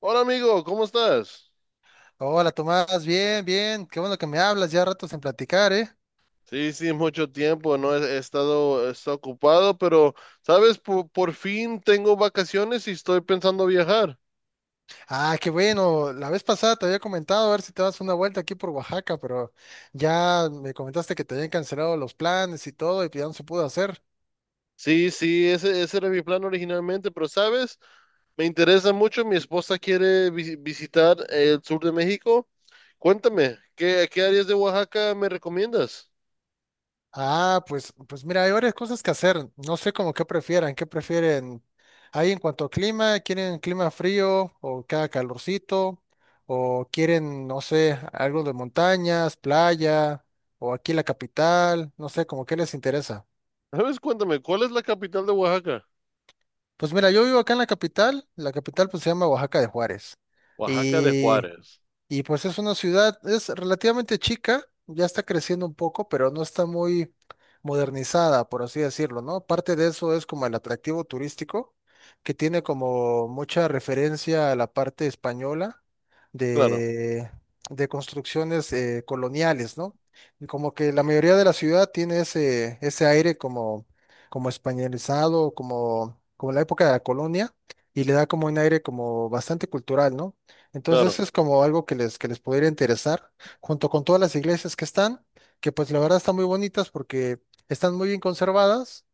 Hola amigo, ¿cómo estás? Hola Tomás, bien, bien, qué bueno que me hablas, ya ratos en platicar, ¿eh? Sí, sí, mucho tiempo, no he, he estado ocupado, pero sabes, por fin tengo vacaciones y estoy pensando viajar. Ah, qué bueno, la vez pasada te había comentado a ver si te das una vuelta aquí por Oaxaca, pero ya me comentaste que te habían cancelado los planes y todo y que ya no se pudo hacer. Sí, sí, ese era mi plan originalmente, pero sabes, me interesa mucho, mi esposa quiere visitar el sur de México. Cuéntame, ¿ qué áreas de Oaxaca me recomiendas? Ah, pues mira, hay varias cosas que hacer, no sé como qué qué prefieren ahí en cuanto a clima. ¿Quieren clima frío o que haga calorcito? ¿O quieren, no sé, algo de montañas, playa o aquí la capital? No sé, como qué les interesa. Sabes, cuéntame, ¿cuál es la capital de Oaxaca? Pues mira, yo vivo acá en la capital pues se llama Oaxaca de Juárez. Oaxaca de Y Juárez. y pues es una ciudad, es relativamente chica, ya está creciendo un poco, pero no está muy modernizada, por así decirlo, ¿no? Parte de eso es como el atractivo turístico, que tiene como mucha referencia a la parte española Claro, de, de construcciones coloniales, ¿no? Y como que la mayoría de la ciudad tiene ese aire como, como españolizado, como la época de la colonia, y le da como un aire como bastante cultural, ¿no? Entonces claro, eso es como algo que les pudiera interesar, junto con todas las iglesias que están, que pues la verdad están muy bonitas porque están muy bien conservadas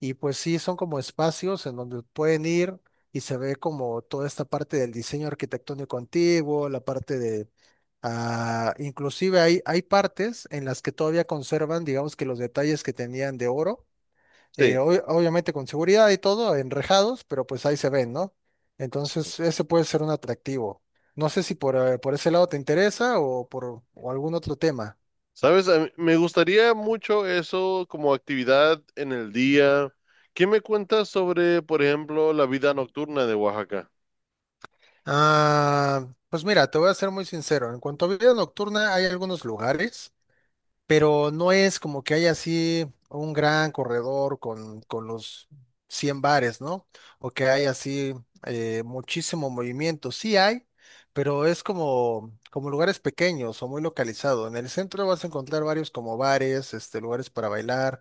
y pues sí, son como espacios en donde pueden ir y se ve como toda esta parte del diseño arquitectónico antiguo, ah, inclusive hay partes en las que todavía conservan, digamos que los detalles que tenían de oro sí. Obviamente con seguridad y todo, enrejados, pero pues ahí se ven, ¿no? Entonces, ese puede ser un atractivo. No sé si por, por ese lado te interesa o por o algún otro tema. ¿Sabes? Me gustaría mucho eso como actividad en el día. ¿Qué me cuentas sobre, por ejemplo, la vida nocturna de Oaxaca? Ah, pues mira, te voy a ser muy sincero. En cuanto a vida nocturna, hay algunos lugares, pero no es como que haya así un gran corredor con los 100 bares, ¿no? O que haya así muchísimo movimiento. Sí hay, pero es como lugares pequeños o muy localizado. En el centro vas a encontrar varios como bares, este, lugares para bailar,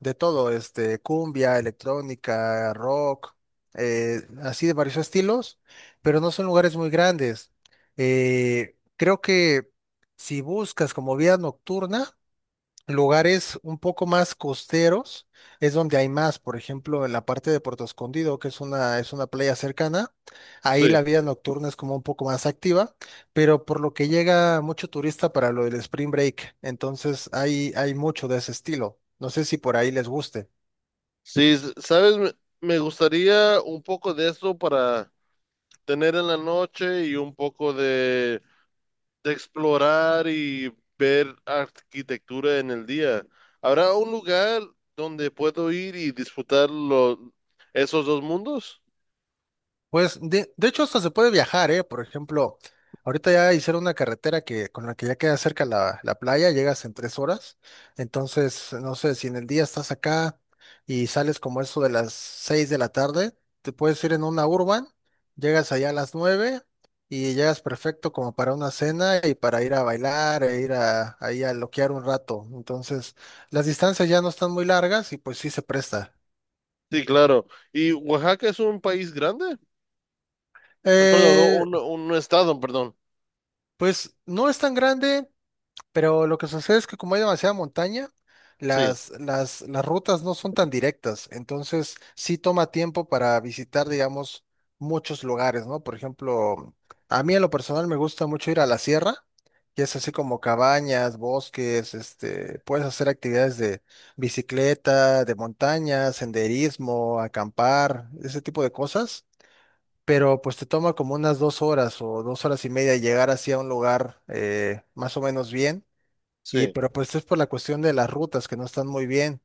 de todo, este, cumbia, electrónica, rock, así de varios estilos, pero no son lugares muy grandes. Creo que si buscas como vida nocturna, lugares un poco más costeros es donde hay más, por ejemplo, en la parte de Puerto Escondido, que es una playa cercana, ahí Sí. la vida nocturna es como un poco más activa, pero por lo que llega mucho turista para lo del Spring Break, entonces hay mucho de ese estilo. No sé si por ahí les guste. Sí, ¿sabes? Me gustaría un poco de eso para tener en la noche y un poco de explorar y ver arquitectura en el día. ¿Habrá un lugar donde puedo ir y disfrutar esos dos mundos? Pues de hecho hasta se puede viajar, ¿eh? Por ejemplo, ahorita ya hicieron una carretera que con la que ya queda cerca la playa, llegas en 3 horas. Entonces, no sé, si en el día estás acá y sales como eso de las 6 de la tarde, te puedes ir en una urban, llegas allá a las 9 y llegas perfecto como para una cena y para ir a bailar e ir a, ahí a loquear un rato. Entonces, las distancias ya no están muy largas y pues sí se presta. Sí, claro. ¿Y Oaxaca es un país grande? Perdón, Eh, un estado, perdón. pues no es tan grande. Pero lo que sucede es que como hay demasiada montaña, Sí, las rutas no son tan directas, entonces sí toma tiempo para visitar, digamos, muchos lugares, ¿no? Por ejemplo, a mí en lo personal me gusta mucho ir a la sierra, que es así como cabañas, bosques, este, puedes hacer actividades de bicicleta, de montaña, senderismo, acampar, ese tipo de cosas. Pero pues te toma como unas 2 horas o 2 horas y media llegar hacia un lugar más o menos bien y sí, pero pues es por la cuestión de las rutas que no están muy bien.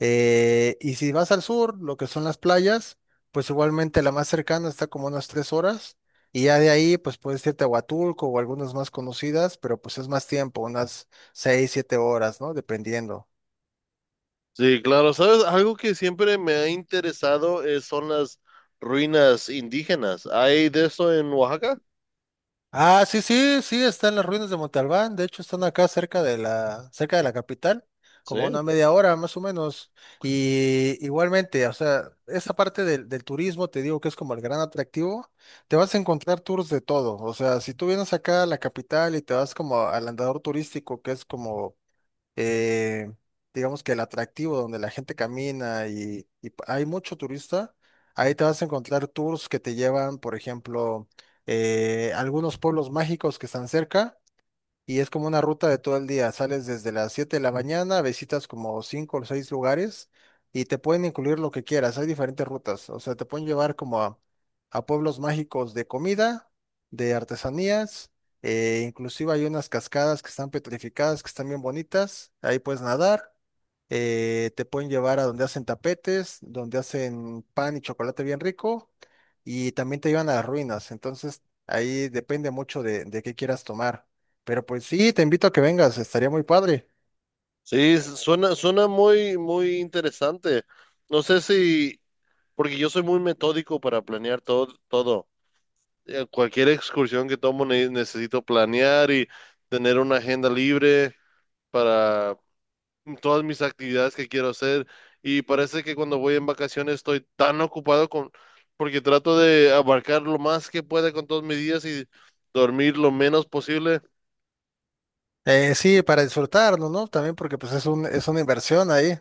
Y si vas al sur, lo que son las playas, pues igualmente la más cercana está como unas 3 horas. Y ya de ahí, pues puedes irte a Huatulco o algunas más conocidas, pero pues es más tiempo, unas 6, 7 horas, ¿no? Dependiendo. sí, claro. ¿Sabes? Algo que siempre me ha interesado es, son las ruinas indígenas. ¿Hay de eso en Oaxaca? Ah, sí, sí, sí, están las ruinas de Montalbán. De hecho, están acá cerca de cerca de la capital, Sí, como a una media hora más o menos. Y igualmente, o sea, esa parte del turismo, te digo que es como el gran atractivo. Te vas a encontrar tours de todo. O sea, si tú vienes acá a la capital y te vas como al andador turístico, que es como eh, digamos que el atractivo donde la gente camina y hay mucho turista, ahí te vas a encontrar tours que te llevan, por ejemplo, algunos pueblos mágicos que están cerca y es como una ruta de todo el día. Sales desde las 7 de la mañana, visitas como 5 o 6 lugares y te pueden incluir lo que quieras. Hay diferentes rutas. O sea, te pueden llevar como a pueblos mágicos de comida, de artesanías, inclusive hay unas cascadas que están petrificadas, que están bien bonitas. Ahí puedes nadar. Te pueden llevar a donde hacen tapetes, donde hacen pan y chocolate bien rico. Y también te llevan a las ruinas. Entonces, ahí depende mucho de qué quieras tomar. Pero pues sí, te invito a que vengas, estaría muy padre. sí, suena, suena muy, muy interesante. No sé si, porque yo soy muy metódico para planear todo, todo. Cualquier excursión que tomo necesito planear y tener una agenda libre para todas mis actividades que quiero hacer, y parece que cuando voy en vacaciones estoy tan ocupado con, porque trato de abarcar lo más que pueda con todos mis días y dormir lo menos posible. Sí, para disfrutarlo, ¿no? También porque pues es una inversión ahí.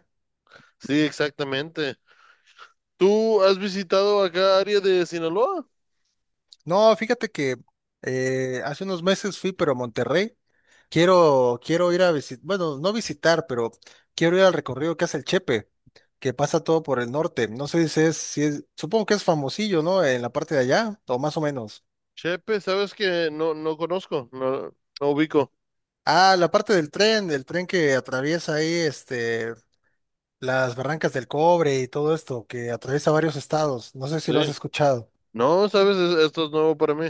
Sí, exactamente. ¿Tú has visitado acá área de Sinaloa? No, fíjate que hace unos meses fui, pero a Monterrey. Quiero ir a visitar, bueno, no visitar, pero quiero ir al recorrido que hace el Chepe, que pasa todo por el norte. No sé si es, supongo que es famosillo, ¿no? En la parte de allá, o más o menos. Chepe, sabes que no conozco, no ubico. Ah, la parte del tren que atraviesa ahí, este, Las Barrancas del Cobre y todo esto que atraviesa varios estados. No sé si lo has Sí. escuchado. No, sabes, esto es nuevo para mí.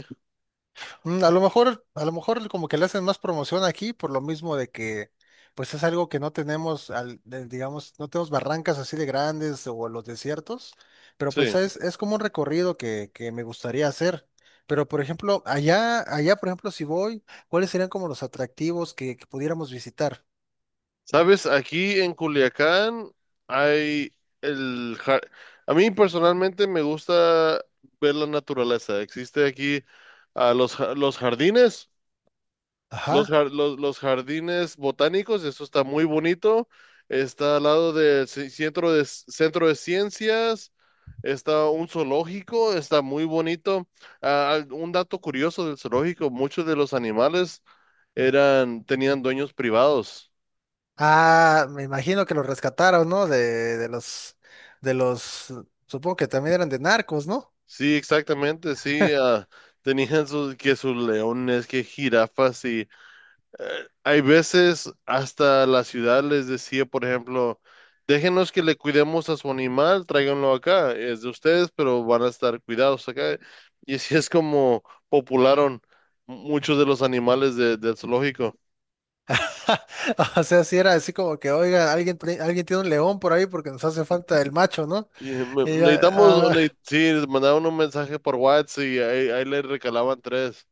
A lo mejor, como que le hacen más promoción aquí por lo mismo de que pues es algo que no tenemos, digamos, no tenemos barrancas así de grandes o los desiertos, pero Sí. pues es como un recorrido que me gustaría hacer. Pero por ejemplo, allá por ejemplo, si voy, ¿cuáles serían como los atractivos que pudiéramos visitar? Sabes, aquí en Culiacán hay el... ja- a mí personalmente me gusta ver la naturaleza. Existe aquí los jardines, Ajá. Los jardines botánicos, eso está muy bonito. Está al lado del centro de centro de ciencias, está un zoológico, está muy bonito. Un dato curioso del zoológico: muchos de los animales eran, tenían dueños privados. Ah, me imagino que los rescataron, ¿no? De los, supongo que también eran de narcos, ¿no? Sí, exactamente, sí. Tenían sus, que sus leones, que jirafas y hay veces hasta la ciudad les decía, por ejemplo, déjenos que le cuidemos a su animal, tráiganlo acá, es de ustedes, pero van a estar cuidados acá. Y así es como popularon muchos de los animales del zoológico. O sea, si era así como que, oiga, alguien, alguien tiene un león por ahí porque nos hace falta el macho, ¿no? Y Y ya, ah, sí, les mandaban un mensaje por WhatsApp y ahí, ahí le recalaban tres.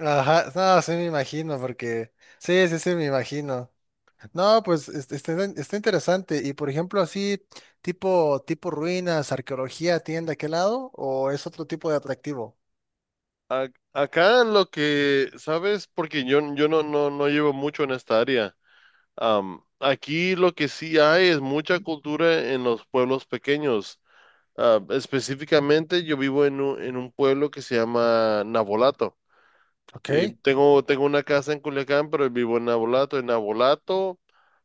ajá, no, sí me imagino, porque, sí, sí, sí, me imagino. No, pues está, interesante. Y por ejemplo, así, tipo ruinas, arqueología, ¿tienen de aquel lado? ¿O es otro tipo de atractivo? Acá lo que, ¿sabes? Porque yo no, no llevo mucho en esta área. Am, aquí lo que sí hay es mucha cultura en los pueblos pequeños. Ah, específicamente yo vivo en en un pueblo que se llama Navolato. Ok, Y tengo una casa en Culiacán, pero vivo en Navolato. En Navolato,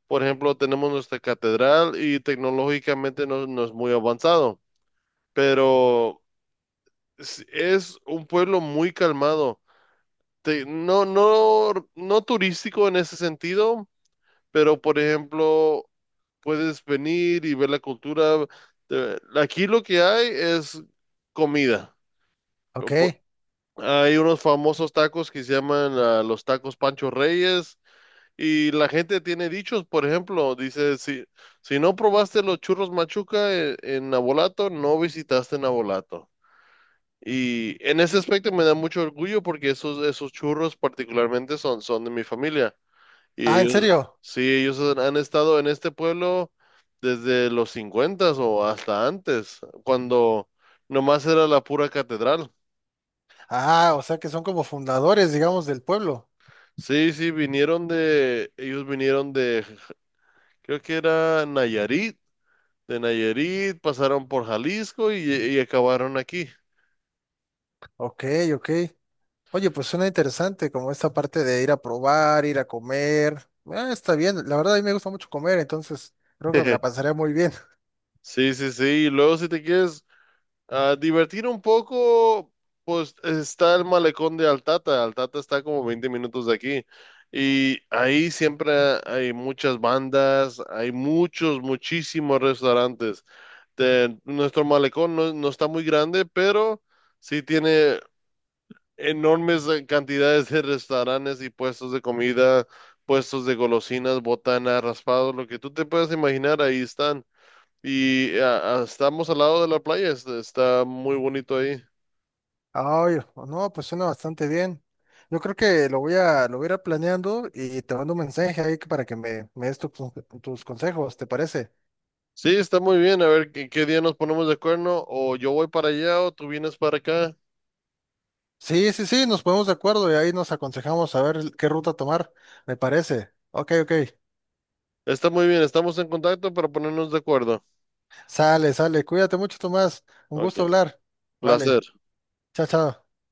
por ejemplo, tenemos nuestra catedral y tecnológicamente no es muy avanzado, pero es un pueblo muy calmado. No turístico en ese sentido, pero por ejemplo, puedes venir y ver la cultura. Aquí lo que hay es comida. Po- ok. Hay unos famosos tacos que se llaman los tacos Pancho Reyes, y la gente tiene dichos, por ejemplo, dice, si no probaste los churros Machuca en Nabolato, no visitaste Nabolato. Y en ese aspecto me da mucho orgullo porque esos, esos churros particularmente son, son de mi familia. Ah, Y ¿en ellos, serio? sí, ellos han estado en este pueblo desde los cincuentas o hasta antes, cuando nomás era la pura catedral. Ah, o sea que son como fundadores, digamos, del pueblo. Sí, sí, vinieron de, ellos vinieron de, creo que era Nayarit, de Nayarit, pasaron por Jalisco y acabaron aquí. Ok, ok. Oye, pues suena interesante, como esta parte de ir a probar, ir a comer. Ah, está bien, la verdad a mí me gusta mucho comer, entonces creo que me la pasaré muy bien. Sí, sí, sí, y luego si te quieres, ah, divertir un poco, pues está el malecón de Altata. Altata está como 20 minutos de aquí. Y ahí siempre hay muchas bandas, hay muchos, muchísimos restaurantes. Nuestro malecón no está muy grande, pero sí tiene enormes cantidades de restaurantes y puestos de comida, puestos de golosinas, botanas, raspados, lo que tú te puedas imaginar, ahí están. Y estamos al lado de la playa, está muy bonito ahí. Ay, no, pues suena bastante bien. Yo creo que lo voy a ir planeando y te mando un mensaje ahí que- para que me des tus consejos, ¿te parece? Sí, está muy bien. A ver qué día nos ponemos de acuerdo. O yo voy para allá o tú vienes para acá. Sí, sí, sí, nos ponemos de acuerdo y ahí nos aconsejamos a ver qué ruta tomar, me parece. Ok, ok. Está muy bien, estamos en contacto para ponernos de acuerdo. Sale, sale. Cuídate mucho, Tomás. Un gusto Ok, hablar. placer. Vale. Chao, chao.